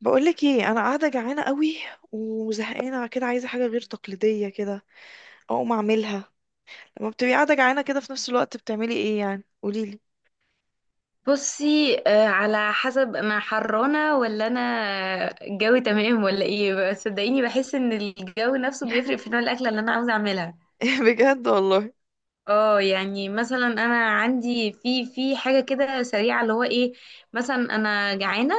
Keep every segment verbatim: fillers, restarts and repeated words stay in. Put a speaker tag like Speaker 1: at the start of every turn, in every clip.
Speaker 1: بقولك ايه، انا قاعده جعانه قوي وزهقانه كده، عايزه حاجه غير تقليديه كده اقوم اعملها. لما بتبقي قاعده جعانه كده في نفس الوقت بتعملي ايه يعني؟ قوليلي.
Speaker 2: بصي، آه، على حسب انا حرانه ولا انا الجو تمام ولا ايه. بس صدقيني بحس ان الجو نفسه بيفرق في نوع الاكله اللي انا عاوزه اعملها.
Speaker 1: بجد والله.
Speaker 2: اه، يعني مثلا انا عندي في في حاجه كده سريعه اللي هو ايه. مثلا انا جعانه،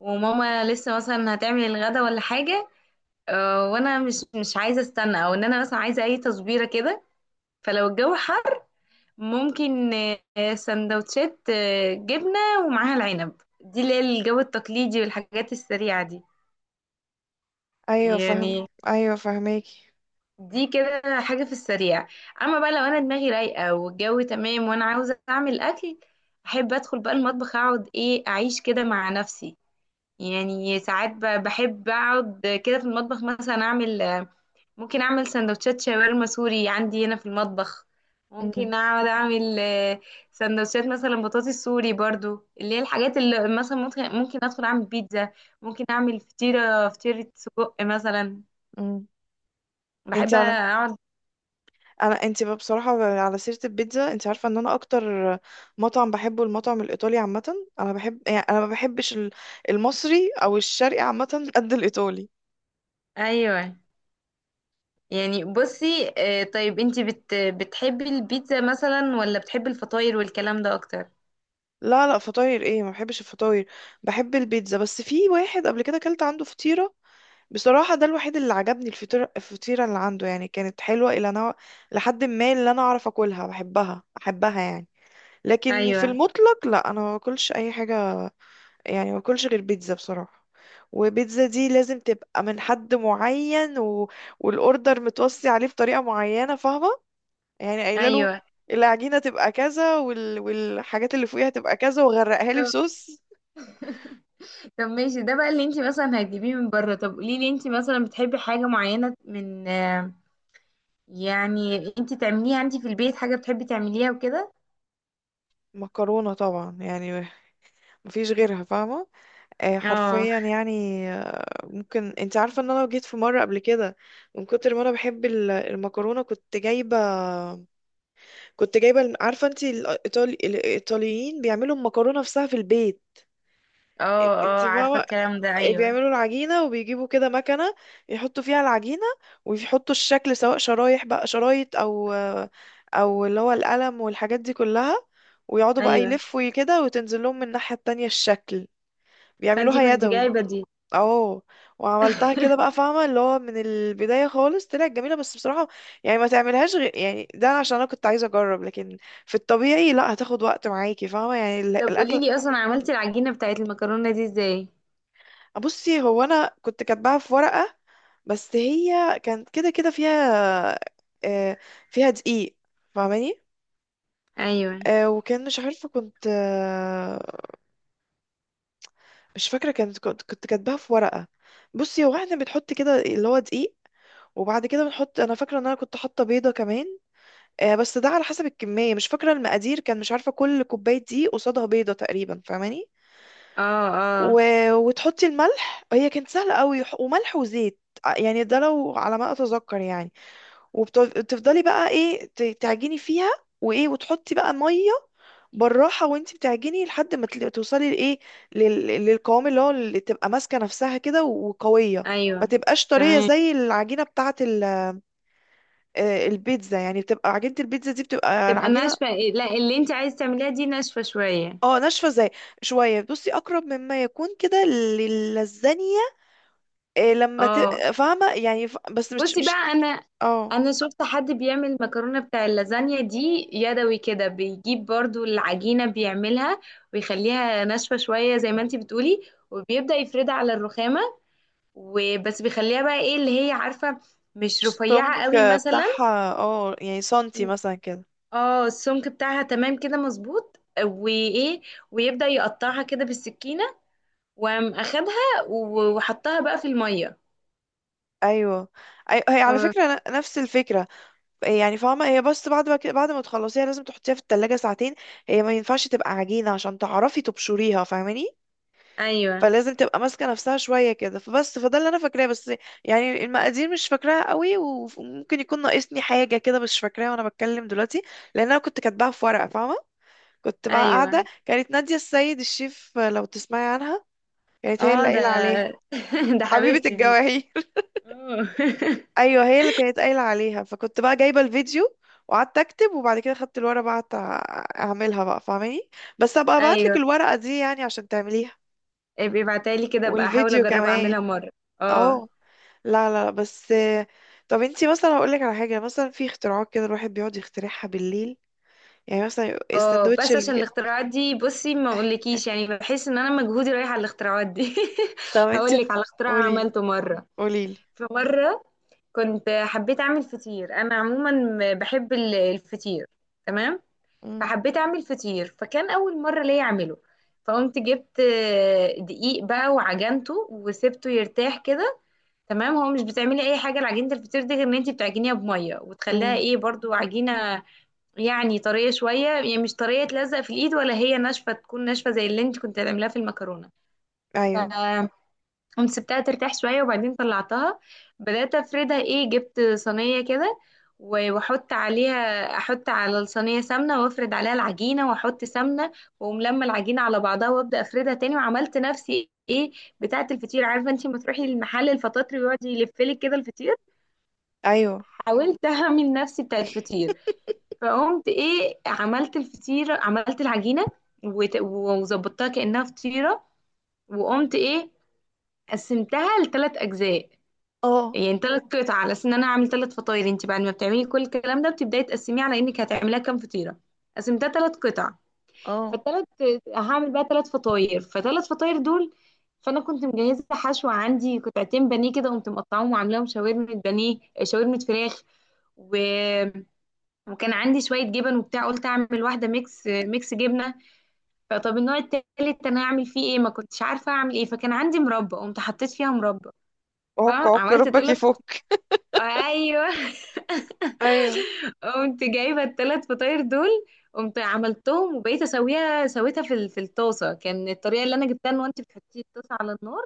Speaker 2: وماما لسه مثلا هتعمل الغدا ولا حاجه. آه، وانا مش مش عايزه استنى، او ان انا مثلا عايزه اي تصبيره كده. فلو الجو حر ممكن، آه، سندوتشات، آه، جبنة ومعاها العنب، دي اللي هي الجو التقليدي والحاجات السريعة دي
Speaker 1: ايوه فاهم.
Speaker 2: يعني.
Speaker 1: ايوه فاهماكي.
Speaker 2: دي كده حاجة في السريع. أما بقى لو أنا دماغي رايقة والجو تمام وأنا عاوزة أعمل أكل، أحب أدخل بقى المطبخ، أقعد إيه أعيش كده مع نفسي. يعني ساعات ب- بحب أقعد كده في المطبخ، مثلا أعمل، آه، ممكن اعمل سندوتشات شاورما سوري عندي هنا في المطبخ.
Speaker 1: امم.
Speaker 2: ممكن اقعد اعمل، آه، سندوتشات مثلا بطاطس سوري برضو، اللي هي الحاجات اللي مثلا ممكن ممكن ادخل اعمل بيتزا. ممكن اعمل فطيره فطيره سجق مثلا.
Speaker 1: امم. انت
Speaker 2: بحب
Speaker 1: على
Speaker 2: اقعد،
Speaker 1: انا انت بقى بصراحه، على سيره البيتزا انت عارفه ان انا اكتر مطعم بحبه المطعم الايطالي عامه. انا بحب، يعني انا ما بحبش ال- المصري او الشرقي عامه قد الايطالي.
Speaker 2: ايوه يعني. بصي، آه، طيب انتي بت... بتحبي البيتزا مثلا، ولا بتحبي الفطاير والكلام ده اكتر؟
Speaker 1: لا لا، فطاير ايه؟ ما بحبش الفطاير. بحب البيتزا. بس في واحد قبل كده اكلت عنده فطيرة بصراحة، ده الوحيد اللي عجبني. الفطيرة الفطيرة اللي عنده يعني كانت حلوة الى نوع، لحد ما اللي انا اعرف اكلها بحبها احبها يعني. لكن في
Speaker 2: ايوه،
Speaker 1: المطلق لا، انا ما باكلش اي حاجة. يعني ما باكلش غير بيتزا بصراحة. وبيتزا دي لازم تبقى من حد معين و... والاوردر متوصي عليه بطريقة معينة، فاهمة؟ يعني قايله له
Speaker 2: ايوه.
Speaker 1: العجينة تبقى كذا وال... والحاجات اللي فوقيها تبقى كذا، وغرقها لي
Speaker 2: طب.
Speaker 1: صوص.
Speaker 2: طب ماشي، ده بقى اللي انت مثلا هتجيبيه من بره. طب قولي لي، انت مثلا بتحبي حاجة معينة من، آه، يعني انت تعمليها انت في البيت، حاجة بتحبي تعمليها وكده؟
Speaker 1: مكرونة طبعا يعني، مفيش غيرها فاهمة. آه
Speaker 2: اه،
Speaker 1: حرفيا يعني. آه ممكن، انت عارفة ان انا جيت في مرة قبل كده من كتر ما انا بحب ال- المكرونة، كنت جايبة، كنت جايبة الم- عارفة انت الإيطالي... الايطاليين بيعملوا المكرونة نفسها في البيت.
Speaker 2: اه،
Speaker 1: انت
Speaker 2: اه عارفة
Speaker 1: فاهمة؟
Speaker 2: الكلام ده،
Speaker 1: إيه،
Speaker 2: ايوه.
Speaker 1: بيعملوا العجينة وبيجيبوا كده مكنة، يحطوا فيها العجينة، ويحطوا الشكل سواء شرايح بقى، شرايط أو أو اللي هو القلم والحاجات دي كلها، ويقعدوا بقى
Speaker 2: ايوه،
Speaker 1: يلفوا كده وتنزل لهم من الناحية التانية الشكل.
Speaker 2: فانتي
Speaker 1: بيعملوها
Speaker 2: كنت
Speaker 1: يدوي.
Speaker 2: جايبه دي.
Speaker 1: اه. وعملتها كده بقى فاهمة، اللي هو من البداية خالص طلعت جميلة بس بصراحة يعني ما تعملهاش غير يعني، ده عشان انا كنت عايزة اجرب. لكن في الطبيعي لا، هتاخد وقت معاكي فاهمة يعني ال-
Speaker 2: طب قولي
Speaker 1: الاكل.
Speaker 2: لي، اصلا عملتي العجينة بتاعت المكرونة دي ازاي؟
Speaker 1: بصي، هو انا كنت كاتباها في ورقة بس هي كانت كده كده فيها، آه، فيها دقيق فاهماني.
Speaker 2: ايوه،
Speaker 1: آه، وكان مش عارفة كنت، آه، مش فاكرة كانت، كنت كنت كاتباها في ورقة. بصي هو احنا بنحط كده اللي هو دقيق، وبعد كده بنحط، انا فاكرة ان انا كنت حاطة بيضة كمان. آه، بس ده على حسب الكمية، مش فاكرة المقادير، كان مش عارفة كل كوباية دقيق قصادها بيضة تقريبا فاهماني.
Speaker 2: اه،
Speaker 1: و...
Speaker 2: اه،
Speaker 1: وتحطي الملح، هي كانت سهلة قوي، وح- وملح وزيت ع- يعني ده لو على ما اتذكر يعني. وتفضلي بقى ايه، ت- تعجني فيها. وايه، وتحطي بقى ميه بالراحه وانت بتعجني لحد ما تل- توصلي لايه، لل- للقوام اللي هو اللي تبقى ماسكه نفسها كده وقويه. ما
Speaker 2: ايوه،
Speaker 1: تبقاش طريه
Speaker 2: تمام،
Speaker 1: زي العجينه بتاعه ال- آه، البيتزا يعني، بتبقى عجينه البيتزا دي بتبقى
Speaker 2: تبقى
Speaker 1: العجينه.
Speaker 2: ناشفة. لا، اللي انت عايزة تعمليها دي ناشفة شوية،
Speaker 1: اه ناشفه زي شويه، بصي اقرب مما يكون كده للزانيه لما ت...
Speaker 2: اه.
Speaker 1: فاهمه يعني ف... بس مش
Speaker 2: بصي
Speaker 1: مش
Speaker 2: بقى، انا
Speaker 1: اه،
Speaker 2: انا شفت حد بيعمل المكرونه بتاع اللازانيا دي يدوي كده، بيجيب برضو العجينه بيعملها ويخليها ناشفه شويه زي ما انتي بتقولي، وبيبدا يفردها على الرخامه، وبس بيخليها بقى ايه اللي هي عارفه، مش
Speaker 1: السمك
Speaker 2: رفيعه قوي مثلا.
Speaker 1: بتاعها اه يعني سنتي مثلا كده.
Speaker 2: اه، السمك بتاعها تمام كده مظبوط، وايه ويبدا يقطعها كده بالسكينه، وقام اخدها و- وحطها بقى في الميه.
Speaker 1: ايوه أي... هي على
Speaker 2: آه،
Speaker 1: فكره ن- نفس الفكره يعني فاهمه، هي بس بعد ما كده- بعد ما تخلصيها لازم تحطيها في التلاجة ساعتين. هي ما ينفعش تبقى عجينه عشان تعرفي تبشريها فاهماني.
Speaker 2: ايوه،
Speaker 1: فلازم تبقى ماسكه نفسها شويه كده، فبس فده اللي انا فاكراه بس. يعني المقادير مش فاكراها قوي وممكن يكون ناقصني حاجه كده، مش فاكراها وانا بتكلم دلوقتي لان انا كنت كاتباها في ورقه فاهمه. كنت بقى قاعده،
Speaker 2: ايوه،
Speaker 1: كانت ناديه السيد الشيف لو تسمعي عنها، كانت هي
Speaker 2: اه
Speaker 1: اللي
Speaker 2: ده.
Speaker 1: قايله عليه.
Speaker 2: ده
Speaker 1: حبيبه
Speaker 2: حبيبتي دي،
Speaker 1: الجواهي.
Speaker 2: اه.
Speaker 1: ايوه هي اللي كانت قايله عليها، فكنت بقى جايبه الفيديو وقعدت اكتب، وبعد كده خدت الورقه بقى قعدت أع- اعملها بقى فاهماني. بس ابقى ابعت لك
Speaker 2: ايوه،
Speaker 1: الورقه دي يعني عشان تعمليها،
Speaker 2: ابقي ابعتها لي كده، ابقى احاول
Speaker 1: والفيديو
Speaker 2: اجرب
Speaker 1: كمان.
Speaker 2: اعملها مره. اه،
Speaker 1: اه. لا لا لا، بس. طب انتي مثلا، هقول لك على حاجه، مثلا في اختراعات كده الواحد بيقعد يخترعها بالليل، يعني مثلا
Speaker 2: اه
Speaker 1: الساندوتش
Speaker 2: بس عشان
Speaker 1: اللي.
Speaker 2: الاختراعات دي بصي، ما اقولكيش يعني بحس ان انا مجهودي رايح على الاختراعات دي.
Speaker 1: طب انتي،
Speaker 2: هقول لك على اختراع
Speaker 1: قولي
Speaker 2: عملته مره.
Speaker 1: قولي لي.
Speaker 2: في مره كنت حبيت اعمل فطير، انا عموما م- بحب ال- الفطير، تمام.
Speaker 1: امم.
Speaker 2: فحبيت اعمل فطير، فكان اول مره ليا اعمله. فقمت جبت، آه، دقيق بقى، وعجنته وسبته يرتاح كده، تمام. هو مش بتعملي اي حاجه لعجينه الفطير دي غير ان انت بتعجنيها بميه، وتخليها
Speaker 1: امم.
Speaker 2: ايه برضو عجينه، يعني طريه شويه، يعني مش طريه تلزق في الايد، ولا هي ناشفه، تكون ناشفه زي اللي انت كنت هتعمليها في المكرونه. ف
Speaker 1: ايوه.
Speaker 2: قمت سبتها ترتاح شوية وبعدين طلعتها. بدأت أفردها، إيه جبت صينية كده، و- وأحط عليها، أحط على الصينية سمنة، وأفرد عليها العجينة وأحط سمنة، وأقوم لما العجينة على بعضها، وأبدأ أفردها تاني، وعملت نفسي إيه بتاعة الفطير، عارفة أنتي لما تروحي المحل الفطاطري ويقعد يلفلك كده الفطير.
Speaker 1: ايوه.
Speaker 2: حاولت أعمل نفسي بتاعة فطير. فقمت إيه، عملت الفطير، عملت العجينة وت- وظبطتها كأنها فطيرة. وقمت إيه، قسمتها لثلاث أجزاء،
Speaker 1: اه.
Speaker 2: يعني ثلاث قطع، على اساس ان انا هعمل ثلاث فطاير. انت بعد ما بتعملي كل الكلام ده بتبداي تقسميه على انك هتعمليها كام فطيره. قسمتها ثلاث قطع،
Speaker 1: اه.
Speaker 2: فالثلاث هعمل بقى ثلاث فطاير، فثلاث فطاير دول. فانا كنت مجهزه حشوه، عندي قطعتين بانيه كده، قمت مقطعاهم وعاملاهم شاورما بانيه، آه، شاورما فراخ. و... وكان عندي شويه جبن وبتاع، قلت اعمل واحده ميكس، ميكس جبنه. فطب النوع التالت انا اعمل فيه ايه، ما كنتش عارفه اعمل ايه، فكان عندي مربى، قمت حطيت فيها مربى.
Speaker 1: عك عك
Speaker 2: فعملت
Speaker 1: ربك
Speaker 2: ثلاث،
Speaker 1: يفك.
Speaker 2: ايوه.
Speaker 1: ايوه.
Speaker 2: قمت جايبه الثلاث فطاير دول، قمت عملتهم وبقيت اسويها، سويتها في ال- في الطاسه. كان الطريقه اللي انا جبتها ان انت بتحطي الطاسه على النار،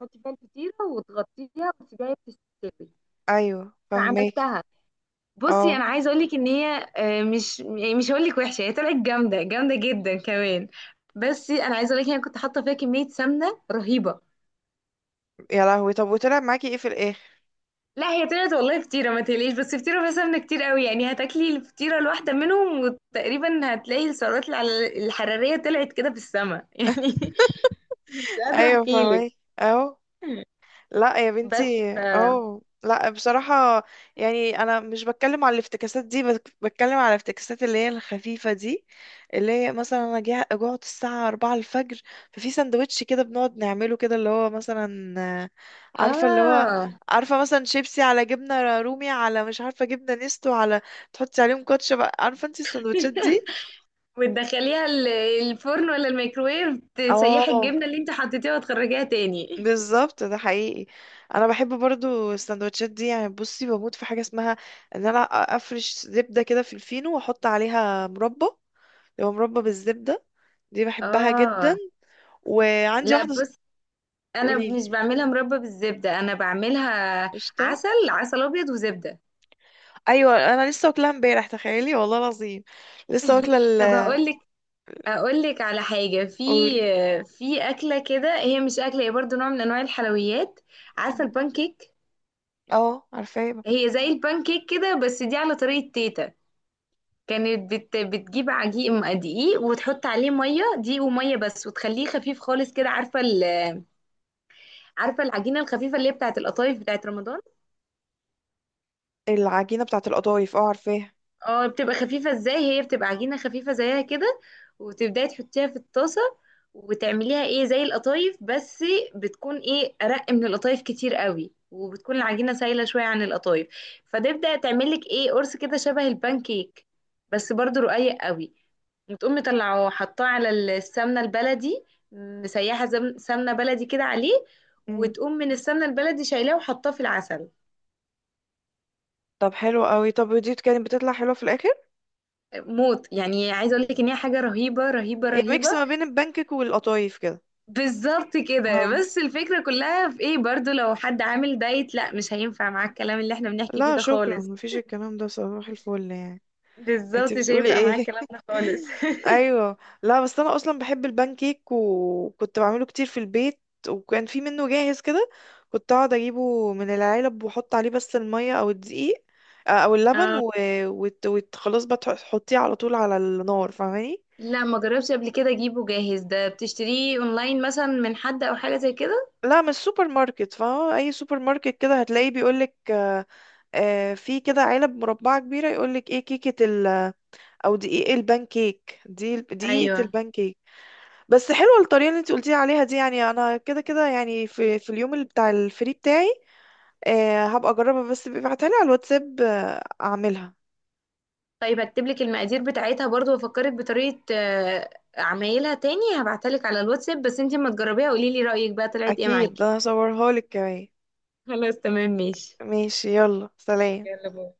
Speaker 2: تحطي فيها الفطيره وتغطيها وتسيبيها تستوي.
Speaker 1: ايوه فهماكي.
Speaker 2: فعملتها. بصي
Speaker 1: اه.
Speaker 2: انا عايزه اقول لك ان هي، آه، مش يعني مش هقول لك وحشه، هي طلعت جامده، جامده جدا كمان. بس انا عايزه اقول لك، انا كنت حاطه فيها كميه سمنه رهيبه.
Speaker 1: يا لهوي طب وطلع معاكي ايه في الاخر؟
Speaker 2: لا هي طلعت والله فطيرة، ما تقلقيش، بس فطيرة فيها سمنة كتير قوي، يعني هتاكلي الفطيرة الواحدة منهم وتقريبا هتلاقي السعرات الع- الحرارية طلعت كده في السماء يعني. مش قادرة
Speaker 1: ايوه
Speaker 2: احكيلك.
Speaker 1: فاهمك. اهو. لا يا
Speaker 2: بس
Speaker 1: بنتي
Speaker 2: ف-
Speaker 1: اهو، لا بصراحة يعني انا مش بتكلم على الافتكاسات دي، بك- بتكلم على الافتكاسات اللي هي الخفيفة دي، اللي هي مثلا انا جه- جوعت الساعة أربعة الفجر، ففي سندوتش كده بنقعد نعمله كده اللي هو مثلا، آه، عارفة اللي هو،
Speaker 2: اه.
Speaker 1: عارفة مثلا شيبسي على جبنة رومي على مش عارفة جبنة نستو على، تحطي عليهم كاتشب عارفة انت السندوتشات دي.
Speaker 2: وتدخليها ال- الفرن، ولا الميكروويف، تسيحي
Speaker 1: اه
Speaker 2: الجبنة اللي انت حطيتيها وتخرجيها تاني،
Speaker 1: بالظبط، ده حقيقي. انا بحب برضو السندوتشات دي، يعني بصي بموت في حاجه اسمها ان انا افرش زبده كده في الفينو واحط عليها مربى، لو مربى بالزبده دي بحبها جدا.
Speaker 2: اه.
Speaker 1: وعندي
Speaker 2: لا
Speaker 1: واحده ص-
Speaker 2: بص، انا
Speaker 1: قوليلي.
Speaker 2: مش بعملها مربى بالزبدة، انا بعملها
Speaker 1: قشطه.
Speaker 2: عسل، عسل ابيض وزبدة.
Speaker 1: ايوه انا لسه واكلها امبارح، تخيلي والله العظيم لسه واكله ال.
Speaker 2: طب هقول اقول لك على حاجه، في
Speaker 1: قولي.
Speaker 2: في اكله كده، هي مش اكله، هي برضو نوع من انواع الحلويات. عارفه البانكيك؟
Speaker 1: اه عارفاها.
Speaker 2: هي زي البانكيك كده، بس دي على طريقه تيتا، كانت بت بتجيب عجيق م- دقيق، وتحط عليه ميه، دقيق وميه بس، وتخليه خفيف خالص كده، عارفه ال- عارفه العجينه الخفيفه اللي هي بتاعه القطايف، بتاعه رمضان؟
Speaker 1: العجينه بتاعه القطايف اه عارفاها.
Speaker 2: اه بتبقى خفيفة ازاي، هي بتبقى عجينة خفيفة زيها كده، وتبدأي تحطيها في الطاسة، وتعمليها ايه زي القطايف، بس بتكون ايه ارق من القطايف كتير قوي، وبتكون العجينة سايلة شوية عن القطايف. فتبدأ تعملك ايه قرص كده شبه البان كيك، بس برضو رقيق قوي. وتقوم مطلعه وحطاه على السمنة البلدي، مسيحة زم- سمنة بلدي كده عليه،
Speaker 1: مم.
Speaker 2: وتقوم من السمنة البلدي شايلاه وحطاه في العسل.
Speaker 1: طب حلو قوي، طب ودي كانت بتطلع حلوه في الاخر؟
Speaker 2: موت يعني، عايزه اقول لك ان هي حاجه رهيبه رهيبه
Speaker 1: هي ميكس
Speaker 2: رهيبه.
Speaker 1: ما بين البانكيك والقطايف كده.
Speaker 2: بالظبط كده،
Speaker 1: اه
Speaker 2: بس الفكرة كلها في ايه، برضو لو حد عامل دايت، لا مش هينفع معاه الكلام اللي احنا بنحكي فيه
Speaker 1: لا
Speaker 2: ده
Speaker 1: شكرا،
Speaker 2: خالص.
Speaker 1: مفيش الكلام ده، صباح الفل يعني. انت
Speaker 2: بالظبط، مش
Speaker 1: بتقولي
Speaker 2: هينفع معاه
Speaker 1: ايه؟
Speaker 2: الكلام ده خالص.
Speaker 1: ايوه. لا بس انا اصلا بحب البان كيك وكنت بعمله كتير في البيت، وكان في منه جاهز كده كنت اقعد اجيبه من العلب واحط عليه بس الميه او الدقيق، آه، او اللبن
Speaker 2: اه،
Speaker 1: و... وت... وت... خلاص بقى تح- تحطيه على طول على النار فاهماني.
Speaker 2: لا ما جربش قبل كده اجيبه جاهز، ده بتشتريه اونلاين مثلا من حد، او حاجة زي كده؟
Speaker 1: لا من السوبر ماركت، فا اي سوبر ماركت كده هتلاقيه بيقولك، آه، آه، في كده علب مربعة كبيرة يقولك ايه، كيكة او دقيق البانكيك دي، دقيقة
Speaker 2: ايوه،
Speaker 1: البانكيك. بس حلوة الطريقة اللي انت قلتي عليها دي، يعني انا كده كده يعني في في اليوم اللي بتاع الفري بتاعي آه هبقى اجربها، بس ابعتها لي على الواتساب آه اعملها.
Speaker 2: طيب هكتب لك المقادير بتاعتها برضو، وافكرك بطريقة، آه، عمايلها تاني، هبعتها لك على الواتساب، بس انتي اما تجربيها قولي لي رأيك بقى طلعت ايه
Speaker 1: اكيد،
Speaker 2: معاكي.
Speaker 1: ده انا هصورها لك كمان.
Speaker 2: خلاص تمام، ماشي.
Speaker 1: ماشي يلا سلام.
Speaker 2: يلا باي.